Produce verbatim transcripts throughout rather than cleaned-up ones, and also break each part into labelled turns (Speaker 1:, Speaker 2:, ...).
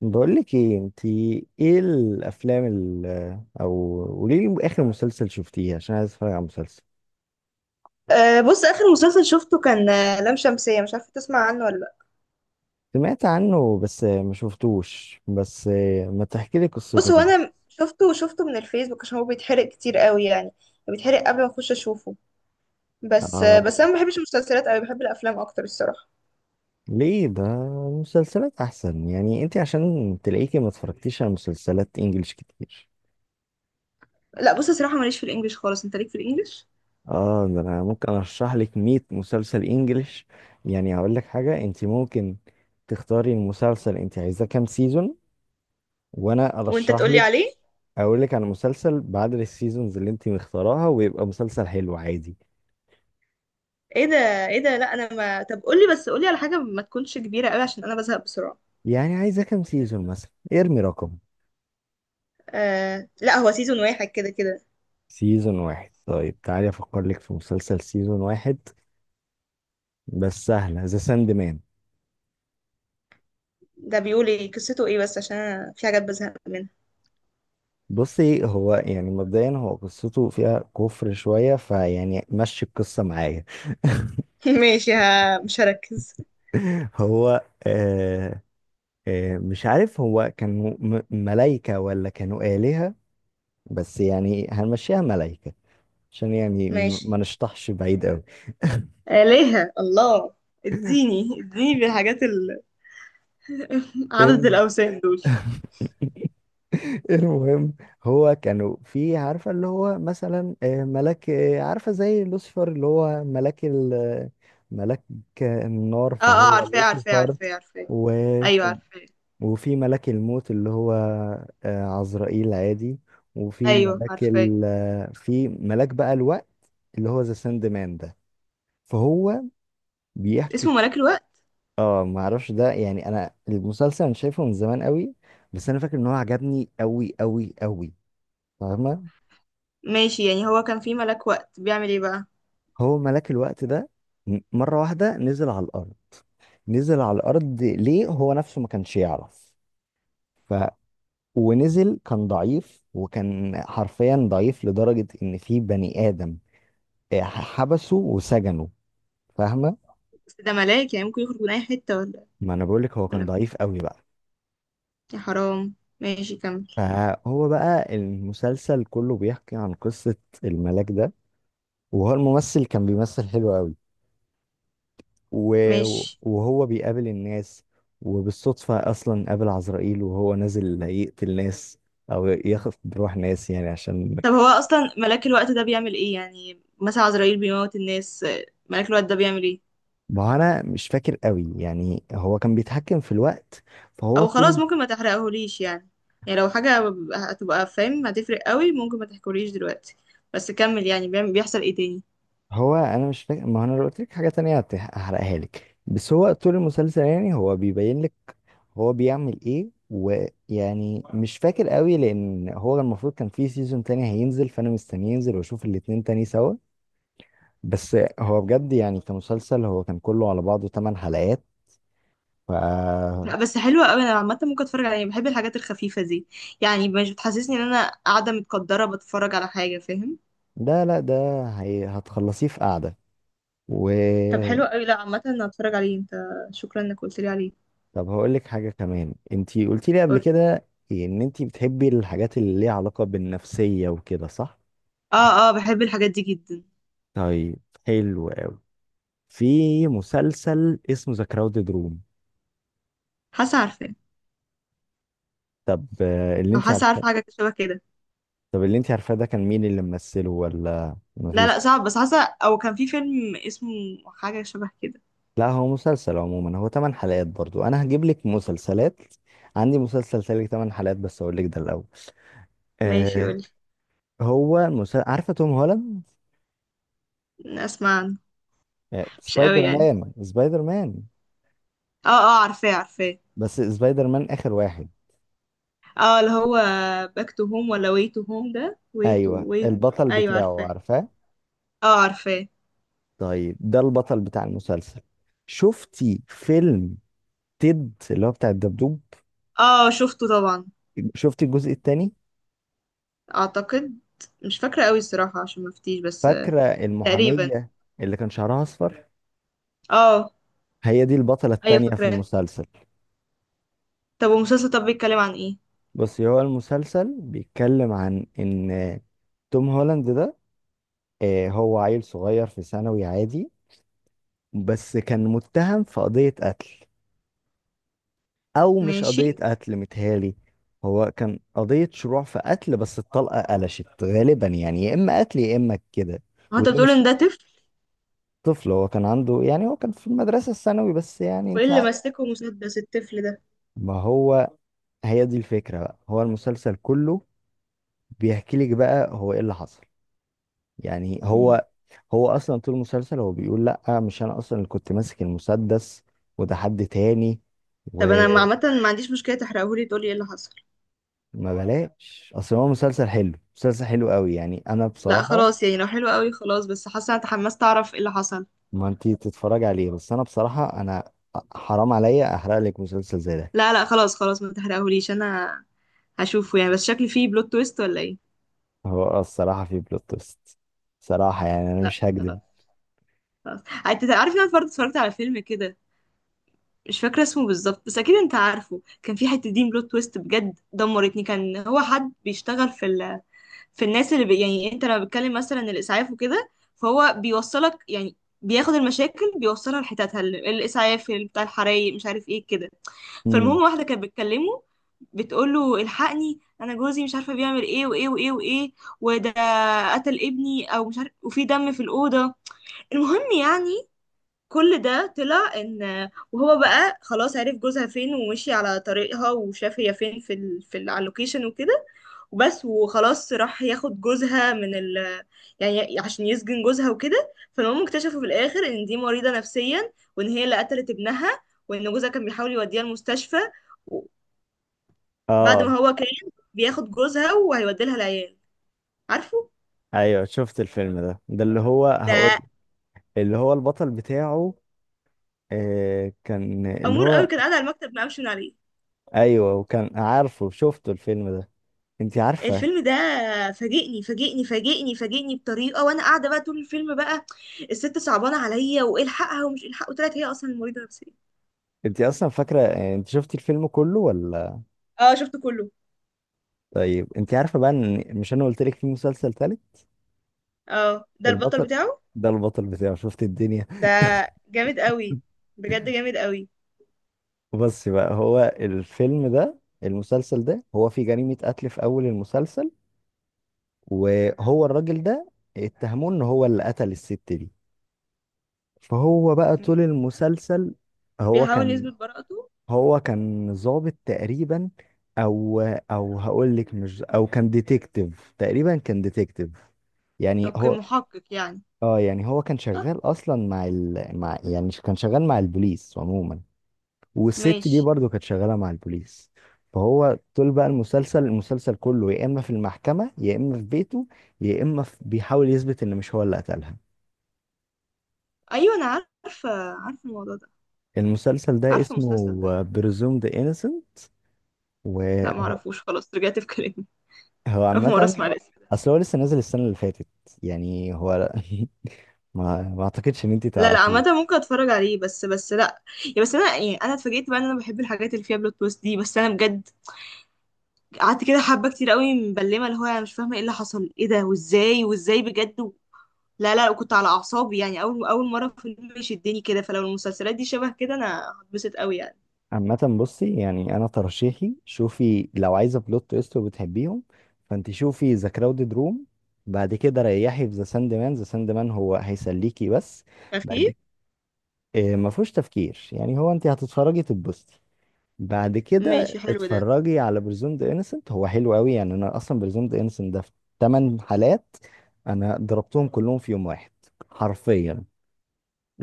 Speaker 1: بقولك ايه انتي ايه الافلام ال او قولي لي اخر مسلسل شفتيه عشان عايز اتفرج على مسلسل.
Speaker 2: أه بص، اخر مسلسل شفته كان آه، لام شمسية. مش عارفة تسمع عنه ولا لا.
Speaker 1: سمعت عنه بس ما شفتوش بس ما تحكي لي
Speaker 2: بص،
Speaker 1: قصته
Speaker 2: هو
Speaker 1: كده.
Speaker 2: انا شفته وشفته من الفيسبوك عشان هو بيتحرق كتير قوي يعني. بيتحرق قبل ما اخش اشوفه. بس آه، بس
Speaker 1: اه
Speaker 2: انا ما بحبش المسلسلات قوي، بحب الافلام اكتر الصراحة.
Speaker 1: ليه ده مسلسلات احسن يعني انتي عشان تلاقيكي ما اتفرجتيش على مسلسلات انجليش كتير.
Speaker 2: لا بص، الصراحة ماليش في الانجليش خالص، انت ليك في الانجليش.
Speaker 1: اه ده انا ممكن ارشح لك مية مسلسل انجليش يعني هقول لك حاجه. انتي ممكن تختاري المسلسل انتي عايزاه كام سيزون وانا
Speaker 2: وانت
Speaker 1: ارشح
Speaker 2: تقولي عليه.
Speaker 1: اقول لك على مسلسل بعد السيزونز اللي انت مختاراها ويبقى مسلسل حلو عادي.
Speaker 2: ايه ده؟ ايه ده؟ لا انا ما طب قولي، بس قولي على حاجة ما تكونش كبيرة قوي عشان انا بزهق بسرعة.
Speaker 1: يعني عايزه كام سيزون مثلا ارمي رقم.
Speaker 2: أه لا، هو سيزون واحد كده كده.
Speaker 1: سيزون واحد طيب تعالي افكر لك في مسلسل سيزون واحد بس سهله ذا ساند مان.
Speaker 2: ده بيقول ايه؟ قصته ايه بس؟ عشان انا في حاجات بزهق منها.
Speaker 1: بصي هو يعني مبدئيا هو قصته فيها كفر شويه فيعني مشي القصه معايا.
Speaker 2: ماشي، ها، مش هركز.
Speaker 1: هو آه آه مش عارف هو كانوا م- ملايكه ولا كانوا آلهة، بس يعني هنمشيها ملايكه عشان يعني م-
Speaker 2: ماشي.
Speaker 1: ما نشطحش بعيد
Speaker 2: آلهة الله. اديني اديني بالحاجات ال... عبدة
Speaker 1: قوي.
Speaker 2: الأوثان دول.
Speaker 1: المهم هو كانوا في عارفة اللي هو مثلا آه، ملاك، آه، عارفة زي لوسيفر اللي هو ملاك ال آه، ملاك النار
Speaker 2: اه اه،
Speaker 1: فهو
Speaker 2: عارفاه عارفاه
Speaker 1: لوسيفر.
Speaker 2: عارفاه عارفاه. ايوه
Speaker 1: وكان
Speaker 2: عارفاه.
Speaker 1: وفي ملاك الموت اللي هو آه، عزرائيل عادي. وفي
Speaker 2: ايوه
Speaker 1: ملاك
Speaker 2: عارفاه.
Speaker 1: ال آه، في ملاك بقى الوقت اللي هو ذا ساند مان ده فهو بيحكي.
Speaker 2: اسمه ملاك الوقت؟
Speaker 1: اه ما اعرفش ده يعني انا المسلسل انا شايفه من زمان قوي بس انا فاكر ان هو عجبني قوي قوي قوي. فاهمة؟
Speaker 2: ماشي، يعني هو كان في ملاك وقت بيعمل ايه بقى؟
Speaker 1: هو ملاك الوقت ده م- مرة واحدة نزل على الأرض. نزل على الأرض ليه هو نفسه ما كانش يعرف ف ونزل كان ضعيف وكان حرفيا ضعيف لدرجة إن في بني آدم آه، حبسه وسجنه. فاهمة؟
Speaker 2: بس ده ملاك، يعني ممكن يخرج من اي حتة ولا؟
Speaker 1: ما أنا بقولك هو كان
Speaker 2: ولا-
Speaker 1: ضعيف قوي بقى.
Speaker 2: يا حرام. ماشي كمل.
Speaker 1: فهو بقى المسلسل كله بيحكي عن قصة الملاك ده، وهو الممثل كان بيمثل حلو قوي. و-
Speaker 2: ماشي.
Speaker 1: وهو بيقابل الناس وبالصدفة أصلا قابل عزرائيل وهو نازل يقتل ناس أو ياخد بروح ناس يعني عشان.
Speaker 2: طب هو اصلا ملاك الوقت ده بيعمل ايه؟ يعني مثلا عزرائيل بيموت الناس، آه، ملاك الوقت ده بيعمل ايه؟
Speaker 1: ما هو أنا مش فاكر قوي يعني هو كان بيتحكم في الوقت فهو
Speaker 2: او خلاص،
Speaker 1: طول.
Speaker 2: ممكن ما تحرقهوليش يعني. يعني لو حاجة هتبقى فاهم هتفرق قوي، ممكن ما تحكوليش دلوقتي. بس كمل يعني. بيعمل- بيحصل ايه تاني؟
Speaker 1: هو أنا مش فاكر ما هو أنا لو قلت لك حاجة تانية هت- هحرقها لك بس هو طول المسلسل يعني هو بيبين لك هو بيعمل إيه. ويعني مش فاكر قوي لأن هو المفروض كان في سيزون تاني هينزل فأنا مستني ينزل وأشوف الاتنين تاني سوا. بس هو بجد يعني كمسلسل هو كان كله على بعضه تمن حلقات. ف
Speaker 2: لا بس حلوة قوي. انا عامة ممكن اتفرج عليها، بحب الحاجات الخفيفة دي. يعني مش بتحسسني ان انا قاعدة متقدرة بتفرج على حاجة، فاهم.
Speaker 1: ده لا ده هي هتخلصيه في قعدة. و
Speaker 2: طب حلوة قوي. لا عامة انا هتفرج عليه. انت، شكرا انك قلت لي عليه.
Speaker 1: طب هقول لك حاجة كمان انتي قلتي لي قبل
Speaker 2: قولي.
Speaker 1: كده ان انتي بتحبي الحاجات اللي ليها علاقة بالنفسية وكده صح؟
Speaker 2: اه اه، بحب الحاجات دي جدا.
Speaker 1: طيب حلو أوي. في مسلسل اسمه ذا كراودد روم.
Speaker 2: حاسة عارفاه.
Speaker 1: طب آه، اللي
Speaker 2: او
Speaker 1: انتي
Speaker 2: حاسة
Speaker 1: عارفاه.
Speaker 2: عارفة حاجة شبه كده.
Speaker 1: طب اللي انتي عارفاه ده كان مين اللي ممثله ولا
Speaker 2: لا
Speaker 1: مفيش؟
Speaker 2: لا، صعب. بس حاسة او كان في فيلم اسمه حاجة شبه كده.
Speaker 1: لا هو مسلسل عموما هو تمن حلقات برضو. انا هجيب لك مسلسلات. عندي مسلسل سالك تمن حلقات بس اقول لك ده الاول.
Speaker 2: ماشي
Speaker 1: آه
Speaker 2: قولي.
Speaker 1: هو المسلسل عارفه توم هولاند؟
Speaker 2: اسمع عنه.
Speaker 1: آه
Speaker 2: مش قوي
Speaker 1: سبايدر
Speaker 2: يعني.
Speaker 1: مان سبايدر مان
Speaker 2: اه اه عارفاه عارفاه.
Speaker 1: بس سبايدر مان اخر واحد.
Speaker 2: اه اللي هو باك تو هوم ولا واي تو هوم؟ ده واي تو
Speaker 1: ايوه
Speaker 2: واي.
Speaker 1: البطل
Speaker 2: ايوه
Speaker 1: بتاعه
Speaker 2: عارفاه.
Speaker 1: عارفاه.
Speaker 2: اه عارفاه.
Speaker 1: طيب ده البطل بتاع المسلسل. شفتي فيلم تيد اللي هو بتاع الدبدوب؟
Speaker 2: اه شفته طبعا.
Speaker 1: شفتي الجزء الثاني؟
Speaker 2: اعتقد. مش فاكره قوي الصراحه عشان ما افتيش بس. آه،
Speaker 1: فاكره
Speaker 2: تقريبا.
Speaker 1: المحاميه اللي كان شعرها اصفر؟
Speaker 2: اه.
Speaker 1: هي دي البطله
Speaker 2: ايوه
Speaker 1: الثانيه في
Speaker 2: فاكراه.
Speaker 1: المسلسل.
Speaker 2: طب والمسلسل طب بيتكلم عن ايه؟
Speaker 1: بص هو المسلسل بيتكلم عن ان توم هولاند ده، آه، هو عيل صغير في ثانوي عادي بس كان متهم في قضية قتل. او مش قضية
Speaker 2: ماشي.
Speaker 1: قتل متهيألي، هو كان قضية شروع في قتل بس الطلقة قلشت غالبا يعني يا اما قتل يا اما كده.
Speaker 2: هو انت
Speaker 1: ودي
Speaker 2: بتقول ان
Speaker 1: مش
Speaker 2: ده طفل؟
Speaker 1: طفل، هو كان عنده يعني هو كان في المدرسة الثانوي بس يعني
Speaker 2: وايه
Speaker 1: انت
Speaker 2: اللي
Speaker 1: عارف.
Speaker 2: ماسكه مسدس الطفل ده؟
Speaker 1: ما هو هي دي الفكرة بقى. هو المسلسل كله بيحكي لك بقى هو ايه اللي حصل يعني
Speaker 2: مم.
Speaker 1: هو. هو اصلا طول المسلسل هو بيقول لا مش انا اصلا اللي كنت ماسك المسدس وده حد تاني.
Speaker 2: طب انا ما-
Speaker 1: وما
Speaker 2: عامه ما عنديش مشكله، تحرقهولي تقولي ايه اللي حصل.
Speaker 1: بلاش اصل هو مسلسل حلو، مسلسل حلو قوي يعني انا
Speaker 2: لا
Speaker 1: بصراحة.
Speaker 2: خلاص، يعني لو حلو قوي خلاص، بس حاسه انا اتحمست اعرف ايه اللي حصل.
Speaker 1: ما انتي تتفرج عليه بس انا بصراحة انا حرام عليا احرق لك مسلسل زي ده.
Speaker 2: لا لا خلاص خلاص، ما تحرقهوليش انا. هشوفه يعني، بس شكله فيه بلوت تويست ولا ايه؟
Speaker 1: هو الصراحة في بلوت تويست صراحة يعني انا
Speaker 2: لا
Speaker 1: مش هكذب.
Speaker 2: خلاص. خلاص. انت عارف ان انا برضه اتفرجت على فيلم كده، مش فاكره اسمه بالظبط بس اكيد انت عارفه. كان في حته دي بلوت تويست بجد دمرتني. كان هو حد بيشتغل في ال... في الناس اللي بي... يعني انت لما بتكلم مثلا الاسعاف وكده، فهو بيوصلك يعني. بياخد المشاكل بيوصلها لحتتها، ال- الاسعاف بتاع الحرايق مش عارف ايه كده.
Speaker 1: امم
Speaker 2: فالمهم، واحدة كانت بتكلمه، بتقول له الحقني، انا جوزي مش عارفه بيعمل ايه وايه وايه وايه، وده قتل ابني او مش عارف، وفي دم في الاوضه. المهم يعني، كل ده طلع ان وهو بقى خلاص عرف جوزها فين، ومشي على طريقها وشاف هي فين في ال... في ال- على اللوكيشن وكده، وبس، وخلاص راح ياخد جوزها من ال، يعني عشان يسجن جوزها وكده. فالمهم اكتشفوا في الاخر ان دي مريضة نفسيا، وان هي اللي قتلت ابنها، وان جوزها كان بيحاول يوديها المستشفى، بعد
Speaker 1: اه
Speaker 2: ما هو كان بياخد جوزها وهيودي لها العيال. عارفه؟
Speaker 1: ايوه شفت الفيلم ده، ده اللي هو هقول
Speaker 2: ده
Speaker 1: اللي هو البطل بتاعه. آه كان اللي
Speaker 2: امور قوي،
Speaker 1: هو
Speaker 2: كان قاعد على المكتب ما قامش من عليه.
Speaker 1: ايوه، وكان عارفه شفته الفيلم ده انت عارفه.
Speaker 2: الفيلم ده فاجئني فاجئني فاجئني فاجئني بطريقه، وانا قاعده بقى طول الفيلم. بقى الست صعبانه عليا والحقها ومش الحق، وطلعت هي اصلا مريضه نفسيه.
Speaker 1: انت اصلا فاكره يعني انت شفتي الفيلم كله ولا؟
Speaker 2: اه شفته كله.
Speaker 1: طيب انت عارفه بقى ان مش انا قلت لك في مسلسل تالت.
Speaker 2: اه ده البطل
Speaker 1: البطل
Speaker 2: بتاعه.
Speaker 1: ده البطل بتاعه شفت الدنيا.
Speaker 2: ده جامد قوي، بجد جامد قوي.
Speaker 1: بس بقى هو الفيلم ده المسلسل ده هو في جريمه قتل في اول المسلسل. وهو الراجل ده اتهموه ان هو اللي قتل الست دي. فهو بقى طول المسلسل هو
Speaker 2: بيحاول
Speaker 1: كان.
Speaker 2: يثبت براءته.
Speaker 1: هو كان ضابط تقريبا. او او هقول لك مش او، كان ديتكتيف تقريبا كان ديتكتيف يعني
Speaker 2: اوكي،
Speaker 1: هو.
Speaker 2: محقق يعني.
Speaker 1: اه يعني هو كان
Speaker 2: اه.
Speaker 1: شغال اصلا مع ال مع يعني كان شغال مع البوليس عموما. والست دي
Speaker 2: ماشي.
Speaker 1: برضو كانت شغاله مع البوليس. فهو طول بقى المسلسل المسلسل كله يا اما في المحكمه يا اما في بيته يا اما في بيحاول يثبت ان مش هو اللي قتلها.
Speaker 2: ايوه انا عارفه، عارفه الموضوع ده.
Speaker 1: المسلسل ده
Speaker 2: عارفه المسلسل
Speaker 1: اسمه
Speaker 2: ده.
Speaker 1: بريزومد
Speaker 2: لا
Speaker 1: انيسنت.
Speaker 2: معرفوش، خلاص رجعت في كلامي.
Speaker 1: هو
Speaker 2: اول مره
Speaker 1: عامة
Speaker 2: اسمع.
Speaker 1: اصل هو لسه نازل السنة اللي فاتت يعني هو. ما ما اعتقدش ان انت
Speaker 2: لا لا،
Speaker 1: تعرفيه.
Speaker 2: عامة ممكن اتفرج عليه. بس بس لا يعني. بس انا يعني انا اتفاجئت بقى ان انا بحب الحاجات اللي فيها بلوت تويست دي. بس انا بجد قعدت كده حبة كتير قوي مبلمة، اللي هو انا مش فاهمة ايه اللي حصل، ايه ده وازاي وازاي بجد. و... لا لا، كنت على اعصابي يعني. اول اول مرة فيلم يشدني كده، فلو المسلسلات دي شبه كده انا هتبسط قوي يعني.
Speaker 1: عامة بصي يعني انا ترشيحي شوفي لو عايزة بلوت تويست وبتحبيهم فانت شوفي ذا كراودد روم. بعد كده ريحي في ذا ساند مان. ذا ساند مان هو هيسليكي بس.
Speaker 2: خفيف.
Speaker 1: بعد آه، ما فيهوش تفكير يعني هو انت هتتفرجي تتبسطي. بعد كده
Speaker 2: ماشي حلو ده.
Speaker 1: اتفرجي على برزون ذا انسنت هو حلو قوي يعني انا اصلا برزون ذا انسنت ده في تمن حالات انا ضربتهم كلهم في يوم واحد حرفيا.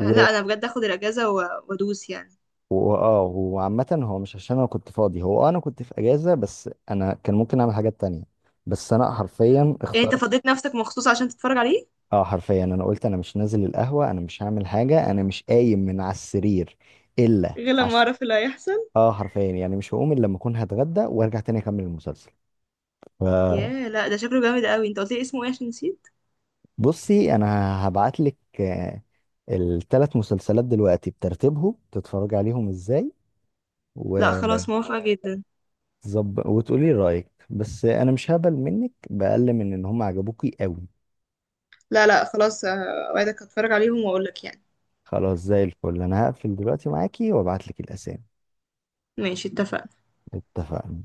Speaker 2: آه، لا انا بجد اخد الاجازة. و... وادوس يعني.
Speaker 1: واه وعامة هو مش عشان انا كنت فاضي، هو آه انا كنت في اجازة بس انا كان ممكن اعمل حاجات تانية بس انا حرفيا
Speaker 2: يعني انت
Speaker 1: اخترت.
Speaker 2: فضيت نفسك مخصوص عشان تتفرج عليه؟
Speaker 1: اه حرفيا انا قلت انا مش نازل القهوة انا مش هعمل حاجة انا مش قايم من على السرير الا
Speaker 2: غير لما
Speaker 1: عشان.
Speaker 2: اعرف اللي هيحصل.
Speaker 1: اه حرفيا يعني مش هقوم الا لما اكون هتغدى وارجع تاني اكمل المسلسل.
Speaker 2: ياه، لا ده شكله جامد قوي. انت قلت لي اسمه ايه؟ عشان نسيت.
Speaker 1: بصي انا هبعت لك الثلاث مسلسلات دلوقتي بترتيبهم تتفرج عليهم ازاي
Speaker 2: لا
Speaker 1: وتظبط
Speaker 2: خلاص، موافقة جدا.
Speaker 1: وتقولي رايك. بس انا مش هقبل منك باقل من ان هم عجبوكي قوي.
Speaker 2: لا لا خلاص، آه، اوعدك هتفرج عليهم واقول لك يعني.
Speaker 1: خلاص زي الفل انا هقفل دلوقتي معاكي وابعت لك الاسامي.
Speaker 2: ماشي اتفقنا.
Speaker 1: اتفقنا.